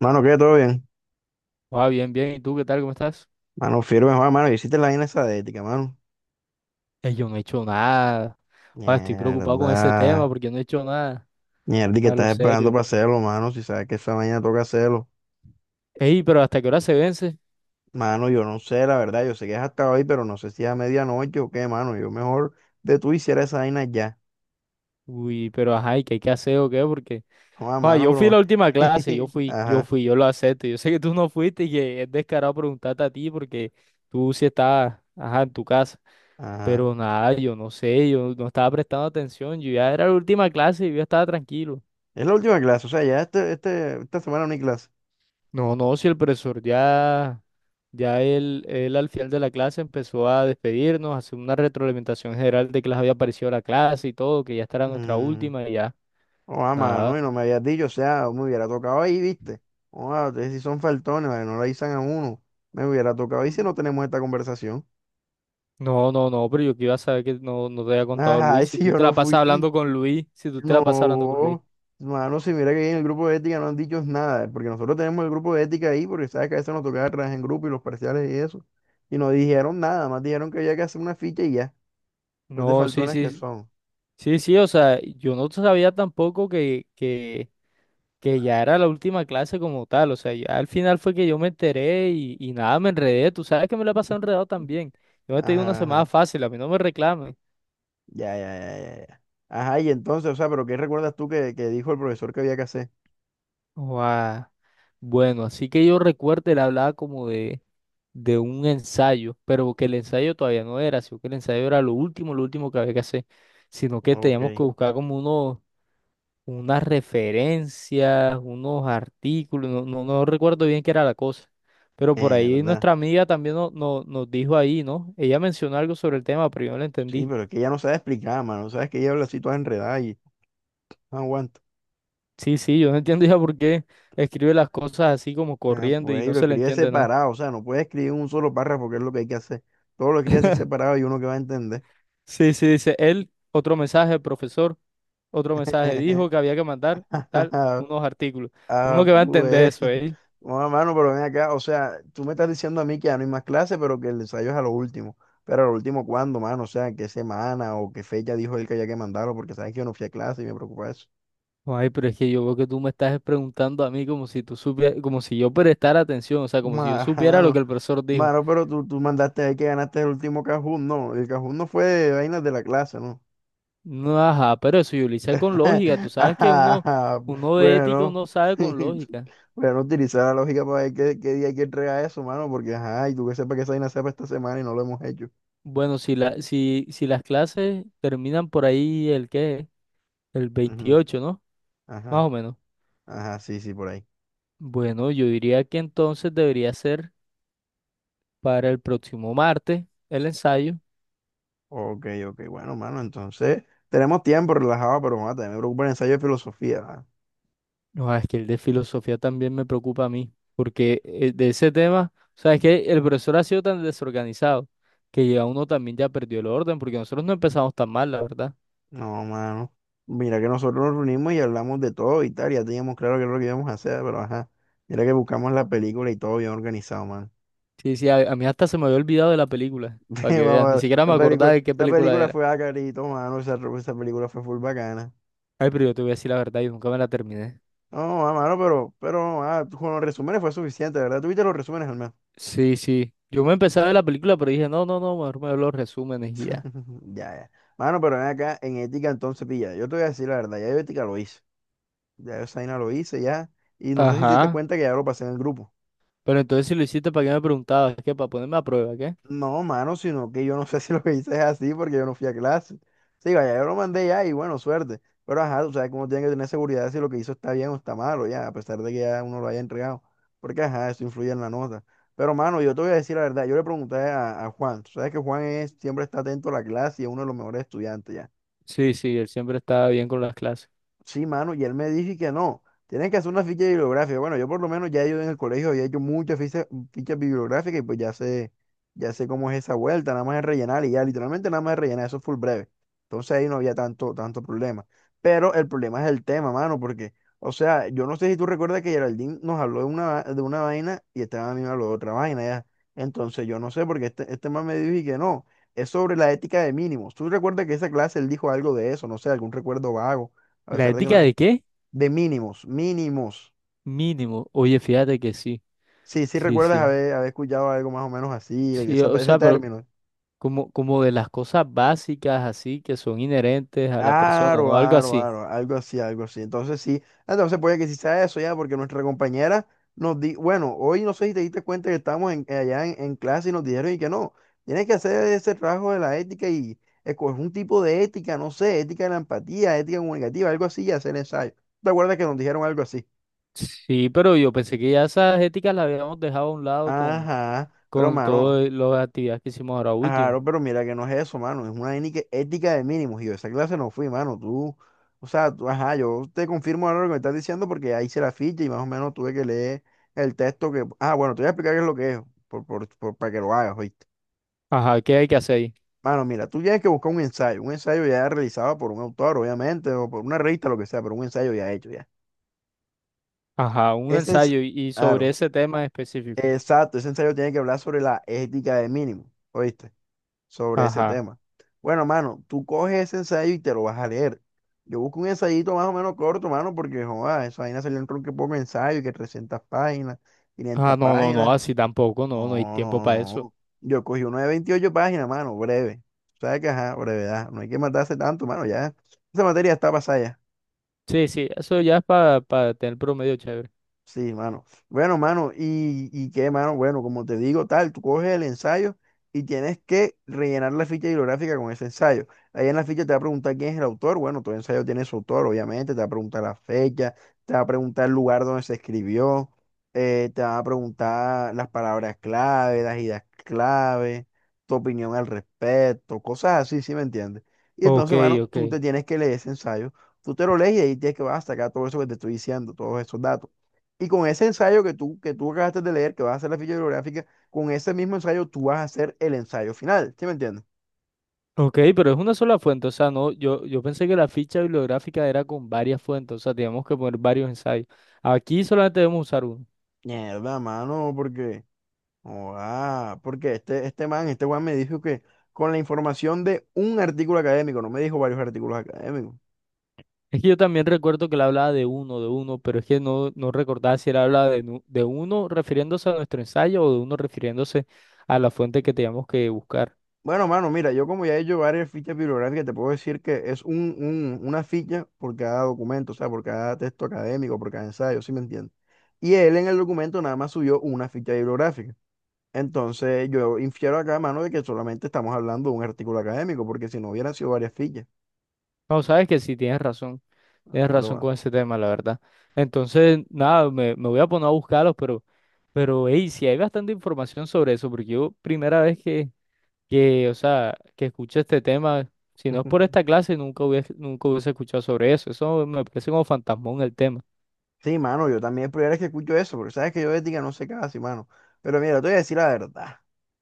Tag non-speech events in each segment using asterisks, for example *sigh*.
Mano, ¿qué? ¿Todo bien? Ah, bien, bien. ¿Y tú qué tal? ¿Cómo estás? Mano, firme, Juan, mano. Hiciste la vaina esa de ética, mano. Yo no he hecho nada. Ah, estoy preocupado con ese tema Mierda. porque no he hecho nada. Mierda, ¿y que A lo estás esperando para serio. hacerlo, mano? Si sabes que esa mañana toca hacerlo. Ey, pero ¿hasta qué hora se vence? Mano, yo no sé, la verdad. Yo sé que es hasta hoy, pero no sé si es a medianoche o qué, mano. Yo mejor de tú hiciera esa vaina ya. Uy, pero ajá, ¿y qué hay que hacer o qué? Porque, Juan, ah, mano, yo fui la pero... última clase, yo *laughs* fui, yo Ajá, fui, yo lo acepto. Yo sé que tú no fuiste y que es descarado preguntarte a ti porque tú sí estabas, ajá, en tu casa. ajá. Pero nada, yo no sé, yo no estaba prestando atención. Yo ya era la última clase y yo ya estaba tranquilo. Es la última clase, o sea, ya esta semana no hay clase. No, no, si el profesor ya. Ya él al final de la clase empezó a despedirnos, a hacer una retroalimentación general de que les había parecido la clase y todo, que ya esta era nuestra Mm. última y ya, Oh, ah, nada. mano, y no me habías dicho, o sea, me hubiera tocado ahí, ¿viste? Oh, ah, ustedes sí son faltones, vale, no la avisan a uno. Me hubiera tocado ahí si Mm. no tenemos esta conversación. No, no, no, pero yo que iba a saber que no te había *laughs* contado Ajá, y Luis, si si tú yo te no la pasas fui. hablando con Luis, si tú te la pasas hablando con Luis. No, mano, si mira que ahí en el grupo de ética no han dicho nada, porque nosotros tenemos el grupo de ética ahí, porque sabes que a veces nos tocaba trabajar en grupo y los parciales y eso. Y no dijeron nada, más dijeron que había que hacer una ficha y ya. Los de No, sí, faltones que sí, son. sí, sí, o sea, yo no sabía tampoco que ya era la última clase como tal, o sea, ya al final fue que yo me enteré y nada, me enredé, tú sabes que me la he pasado enredado también. Yo me he tenido una Ajá, semana ajá. fácil, a mí no me reclamen. Ya, ya, ya, ya, ya. Ajá, y entonces, o sea, pero ¿qué recuerdas tú que dijo el profesor que había que hacer? Guau. Bueno, así que yo recuerdo, él hablaba como de un ensayo, pero que el ensayo todavía no era, sino que el ensayo era lo último que había que hacer, sino que Ok. teníamos que buscar como unas referencias, unos artículos, no recuerdo bien qué era la cosa, pero por ahí Mierda. nuestra amiga también nos dijo ahí, ¿no? Ella mencionó algo sobre el tema, pero yo no lo Sí, entendí. pero es que ella no sabe explicar, mano. Sabes que ella habla así toda enredada y no aguanta. Sí, sí, yo no *laughs* entiendo ya por qué escribe las cosas así como Ah, corriendo y pues, y no lo se le escribe entiende nada. separado. O sea, no puede escribir un solo párrafo, que es lo que hay que hacer. Todo lo escribe así separado y uno que va a entender. Sí, sí, dice él, otro mensaje, profesor, otro mensaje, dijo *laughs* que había que mandar tal, unos artículos. Uno Ah, que va a entender pues. eso, ¿eh? Bueno, mano, pero ven acá. O sea, tú me estás diciendo a mí que ya no hay más clases, pero que el ensayo es a lo último. Pero a lo último, ¿cuándo, mano? O sea, ¿en ¿qué semana o qué fecha dijo él que había que mandarlo? Porque sabes que yo no fui a clase y me preocupa eso. Ay, pero es que yo veo que tú me estás preguntando a mí como si tú supieras, como si yo prestara atención, o *laughs* sea, como si yo supiera lo que Mano. el profesor dijo. Mano, pero tú mandaste ahí que ganaste el último cajón, no. El cajón no fue de vainas de la clase, ¿no? No, ajá, pero eso yo lo hice con lógica, tú *laughs* sabes que uno, Ajá, uno de ética, bueno, uno sabe con *laughs* lógica. bueno, utilizar la lógica para ver qué, qué día hay que entregar eso, mano, porque ajá, y tú que sepas que esa vaina sea para esta semana y no lo hemos hecho. Bueno, si si las clases terminan por ahí el qué, el Ujú, 28, ¿no? Más ajá, o menos. ajá, sí, sí, por ahí. Bueno, yo diría que entonces debería ser para el próximo martes el ensayo. Ok, ok, bueno, mano, entonces tenemos tiempo relajado, pero mano, también me preocupa el ensayo de filosofía, ¿va? No, es que el de filosofía también me preocupa a mí, porque de ese tema, o sea, es que el profesor ha sido tan desorganizado que ya uno también ya perdió el orden, porque nosotros no empezamos tan mal, la verdad. No, mano. Mira que nosotros nos reunimos y hablamos de todo y tal, ya teníamos claro qué es lo que íbamos a hacer, pero ajá. Mira que buscamos la película y todo bien organizado, mano. Sí, sí, a mí hasta se me había olvidado de la película, *laughs* para que veas, ni Mamá, siquiera me La acordaba película, de qué la película película era. fue acarito, mano. Esa película fue full bacana. Ay, pero yo te voy a decir la verdad, yo nunca me la terminé. No, mano, pero, ah, con los resúmenes fue suficiente, ¿verdad? Tuviste los resúmenes al menos. Sí, sí. Yo me empecé a ver la película, pero dije, no, no, no, mejor me veo los resúmenes y ya. *laughs* Ya, ya. Mano, pero ven acá, en ética entonces pilla. Yo te voy a decir la verdad, ya yo ética lo hice. Ya yo esa vaina lo hice ya. Y no sé si te diste Ajá. cuenta que ya lo pasé en el grupo. Pero entonces si lo hiciste, ¿para qué me preguntabas? ¿Es que para ponerme a prueba, qué? No, mano, sino que yo no *laughs* sé si lo que hice es así porque yo no fui a clase. Sí, vaya, yo lo mandé ya y bueno, suerte. Pero ajá, tú sabes cómo tiene que tener seguridad de si lo que hizo está bien o está malo, ya, a pesar de que ya uno lo haya entregado. Porque ajá, eso influye en la nota. Pero mano, yo te voy a decir la verdad, yo le pregunté a Juan, tú sabes que Juan es, siempre está atento a la clase y es uno de los mejores estudiantes ya. Sí, sí, él siempre estaba bien con las clases. Sí, mano, y él me dijo que no, tienen que hacer una ficha bibliográfica. Bueno, yo por lo menos ya yo en el colegio había hecho muchas fichas, fichas bibliográficas y pues ya sé cómo es esa vuelta, nada más es rellenar y ya, literalmente nada más es rellenar, eso fue breve. Entonces ahí no había tanto problema. Pero el problema es el tema, mano, porque, o sea, yo no sé si tú recuerdas que Geraldine nos habló de una vaina y estaba a mí me habló de otra vaina ya. Entonces yo no sé, porque este man me dijo y que no, es sobre la ética de mínimos. ¿Tú recuerdas que esa clase él dijo algo de eso? No sé, algún recuerdo vago. A ¿La pesar de que no ética es. de qué? De mínimos, mínimos. Mínimo. Oye, fíjate que sí. Sí, sí Sí, recuerdas sí. haber escuchado algo más o menos así, Sí, esa- o ese sea, pero término. Como de las cosas básicas así que son inherentes a la persona, Aro, ¿no? Algo aro, así. aro, algo así, algo así. Entonces sí, entonces puede que sí sea eso ya, porque nuestra compañera nos di, bueno, hoy no sé si te diste cuenta que estábamos allá en clase y nos dijeron y que no, tienes que hacer ese trabajo de la ética y escoger un tipo de ética, no sé, ética de la empatía, ética comunicativa, algo así y hacer ensayo. ¿Te acuerdas que nos dijeron algo así? Sí, pero yo pensé que ya esas éticas las habíamos dejado a un lado Ajá, pero con mano. todas las actividades que hicimos ahora último. Claro, pero mira que no es eso, mano. Es una ética de mínimos. Y yo a esa clase no fui, mano. Tú, o sea, ajá, yo te confirmo ahora lo que me estás diciendo porque ahí hice la ficha y más o menos tuve que leer el texto que. Ah, bueno, te voy a explicar qué es lo que es para que lo hagas, ¿oíste? Ajá, ¿qué hay que hacer ahí? Mano, mira, tú tienes que buscar un ensayo. Un ensayo ya realizado por un autor, obviamente, o por una revista, lo que sea, pero un ensayo ya hecho, ya. Ajá, un Ese ens- ensayo y sobre claro, ese tema específico. exacto, ese ensayo tiene que hablar sobre la ética de mínimos, ¿oíste? Sobre ese Ajá. tema. Bueno, mano, tú coges ese ensayo y te lo vas a leer. Yo busco un ensayito más o menos corto, mano, porque joda, esa vaina salió en tronco y poco ensayo, que 300 páginas, 500 Ah, no, no, no, páginas. así tampoco, no, no hay No, tiempo no, para eso. no. Yo cogí uno de 28 páginas, mano, breve. O sea que, ajá, brevedad. No hay que matarse tanto, mano, ya. Esa materia está pasada ya. Sí, sí, eso ya es para tener promedio chévere. Sí, mano. Bueno, mano, y qué, mano, bueno, como te digo, tal, tú coges el ensayo y tienes que rellenar la ficha bibliográfica con ese ensayo. Ahí en la ficha te va a preguntar quién es el autor. Bueno, todo ensayo tiene su autor, obviamente, te va a preguntar la fecha, te va a preguntar el lugar donde se escribió, te va a preguntar las palabras clave, las ideas clave, tu opinión al respecto, cosas así, ¿sí me entiendes? Y Ok, entonces, mano, ok. tú te tienes que leer ese ensayo, tú te lo lees y ahí tienes que vas a sacar todo eso que te estoy diciendo, todos esos datos. Y con ese ensayo que tú acabaste de leer, que vas a hacer la ficha bibliográfica, con ese mismo ensayo tú vas a hacer el ensayo final. ¿Sí me entiendes? Ok, pero es una sola fuente, o sea, no, yo pensé que la ficha bibliográfica era con varias fuentes, o sea, teníamos que poner varios ensayos. Aquí solamente debemos usar uno. *laughs* Mierda, mano, porque. Ah, porque este man, este Juan me dijo que con la información de un artículo académico, no me dijo varios artículos académicos. Es que yo también recuerdo que él hablaba de uno, pero es que no recordaba si él hablaba de, de uno refiriéndose a nuestro ensayo o de uno refiriéndose a la fuente que teníamos que buscar. Bueno, mano, mira, yo como ya he hecho varias fichas bibliográficas, te puedo decir que es una ficha por cada documento, o sea, por cada texto académico, por cada ensayo, ¿sí me entiendes? Y él en el documento nada más subió una ficha bibliográfica. Entonces yo infiero acá, mano, de que solamente estamos hablando de un artículo académico, porque si no hubieran sido varias fichas. No, sabes que sí, tienes razón. Tienes ¿Lo *laughs* razón mano. con ese tema, la verdad. Entonces, nada, me voy a poner a buscarlos, pero, hey, sí hay bastante información sobre eso, porque yo primera vez o sea, que escuché este tema, si no es por esta clase, nunca hubiese escuchado sobre eso. Eso me parece como fantasmón el tema. Sí, mano, yo también es primera vez que escucho eso, porque sabes que yo de ética no sé casi, mano. Pero mira, te voy a decir la verdad.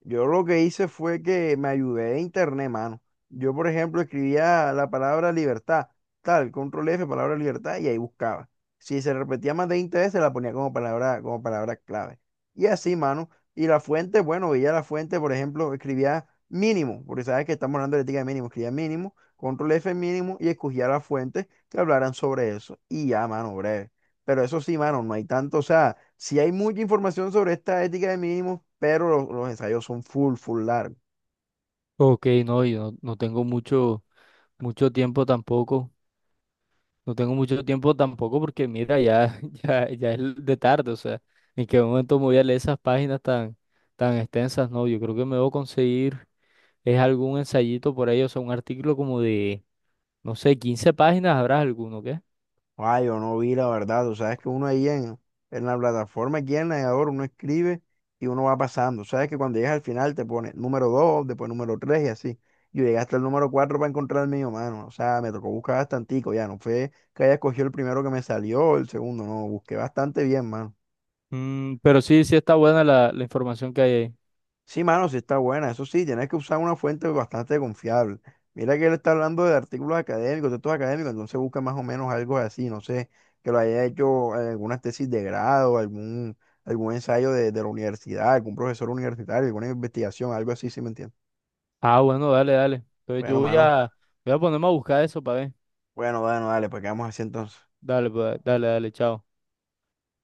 Yo lo que hice fue que me ayudé de internet, mano. Yo, por ejemplo, escribía la palabra libertad, tal, control F, palabra libertad, y ahí buscaba. Si se repetía más de 20 veces, la ponía como palabra clave. Y así, mano. Y la fuente, bueno, veía la fuente, por ejemplo, escribía mínimo, porque sabes que estamos hablando de ética de mínimo, escribía mínimo, control F mínimo, y escogía las fuentes que hablaran sobre eso. Y ya, mano, breve. Pero eso sí, mano, no hay tanto, o sea, si hay mucha información sobre esta ética de mínimos pero los, ensayos son full, full largos. Ok, no, yo no, no tengo mucho, mucho tiempo tampoco No tengo mucho tiempo tampoco porque mira, ya, *laughs* ya, ya es de tarde, o sea, en qué momento me voy a leer esas páginas tan extensas, no, yo creo que me debo conseguir, es algún ensayito por ahí, o sea, un artículo como de, no sé, 15 páginas, habrá alguno, ¿qué? Ay, yo no vi la verdad, tú sabes que uno ahí en la plataforma, aquí en el navegador, uno escribe y uno va pasando. Sabes que cuando llegas al final te pone número 2 después número 3 y así. Yo llegué hasta el número 4 para encontrar el mío, mano. O sea, me tocó buscar bastantico, ya no fue que haya escogido el primero que me salió, el segundo, no, busqué bastante bien, mano. Mm, pero sí, sí está buena la información que hay ahí. Sí, mano, sí está buena. Eso sí, tienes que usar una fuente bastante confiable. Mira que él está hablando de artículos académicos, textos académicos, entonces busca más o menos algo así, no sé, que lo haya hecho en alguna tesis de grado, algún, algún ensayo de la universidad, algún profesor universitario, alguna investigación, algo así, ¿sí me entiendes? Ah, bueno, dale, dale. Entonces Bueno, mano, voy a ponerme a buscar eso para ver. bueno, bueno, dale, pues quedamos así entonces. Dale, pues, dale, dale, chao.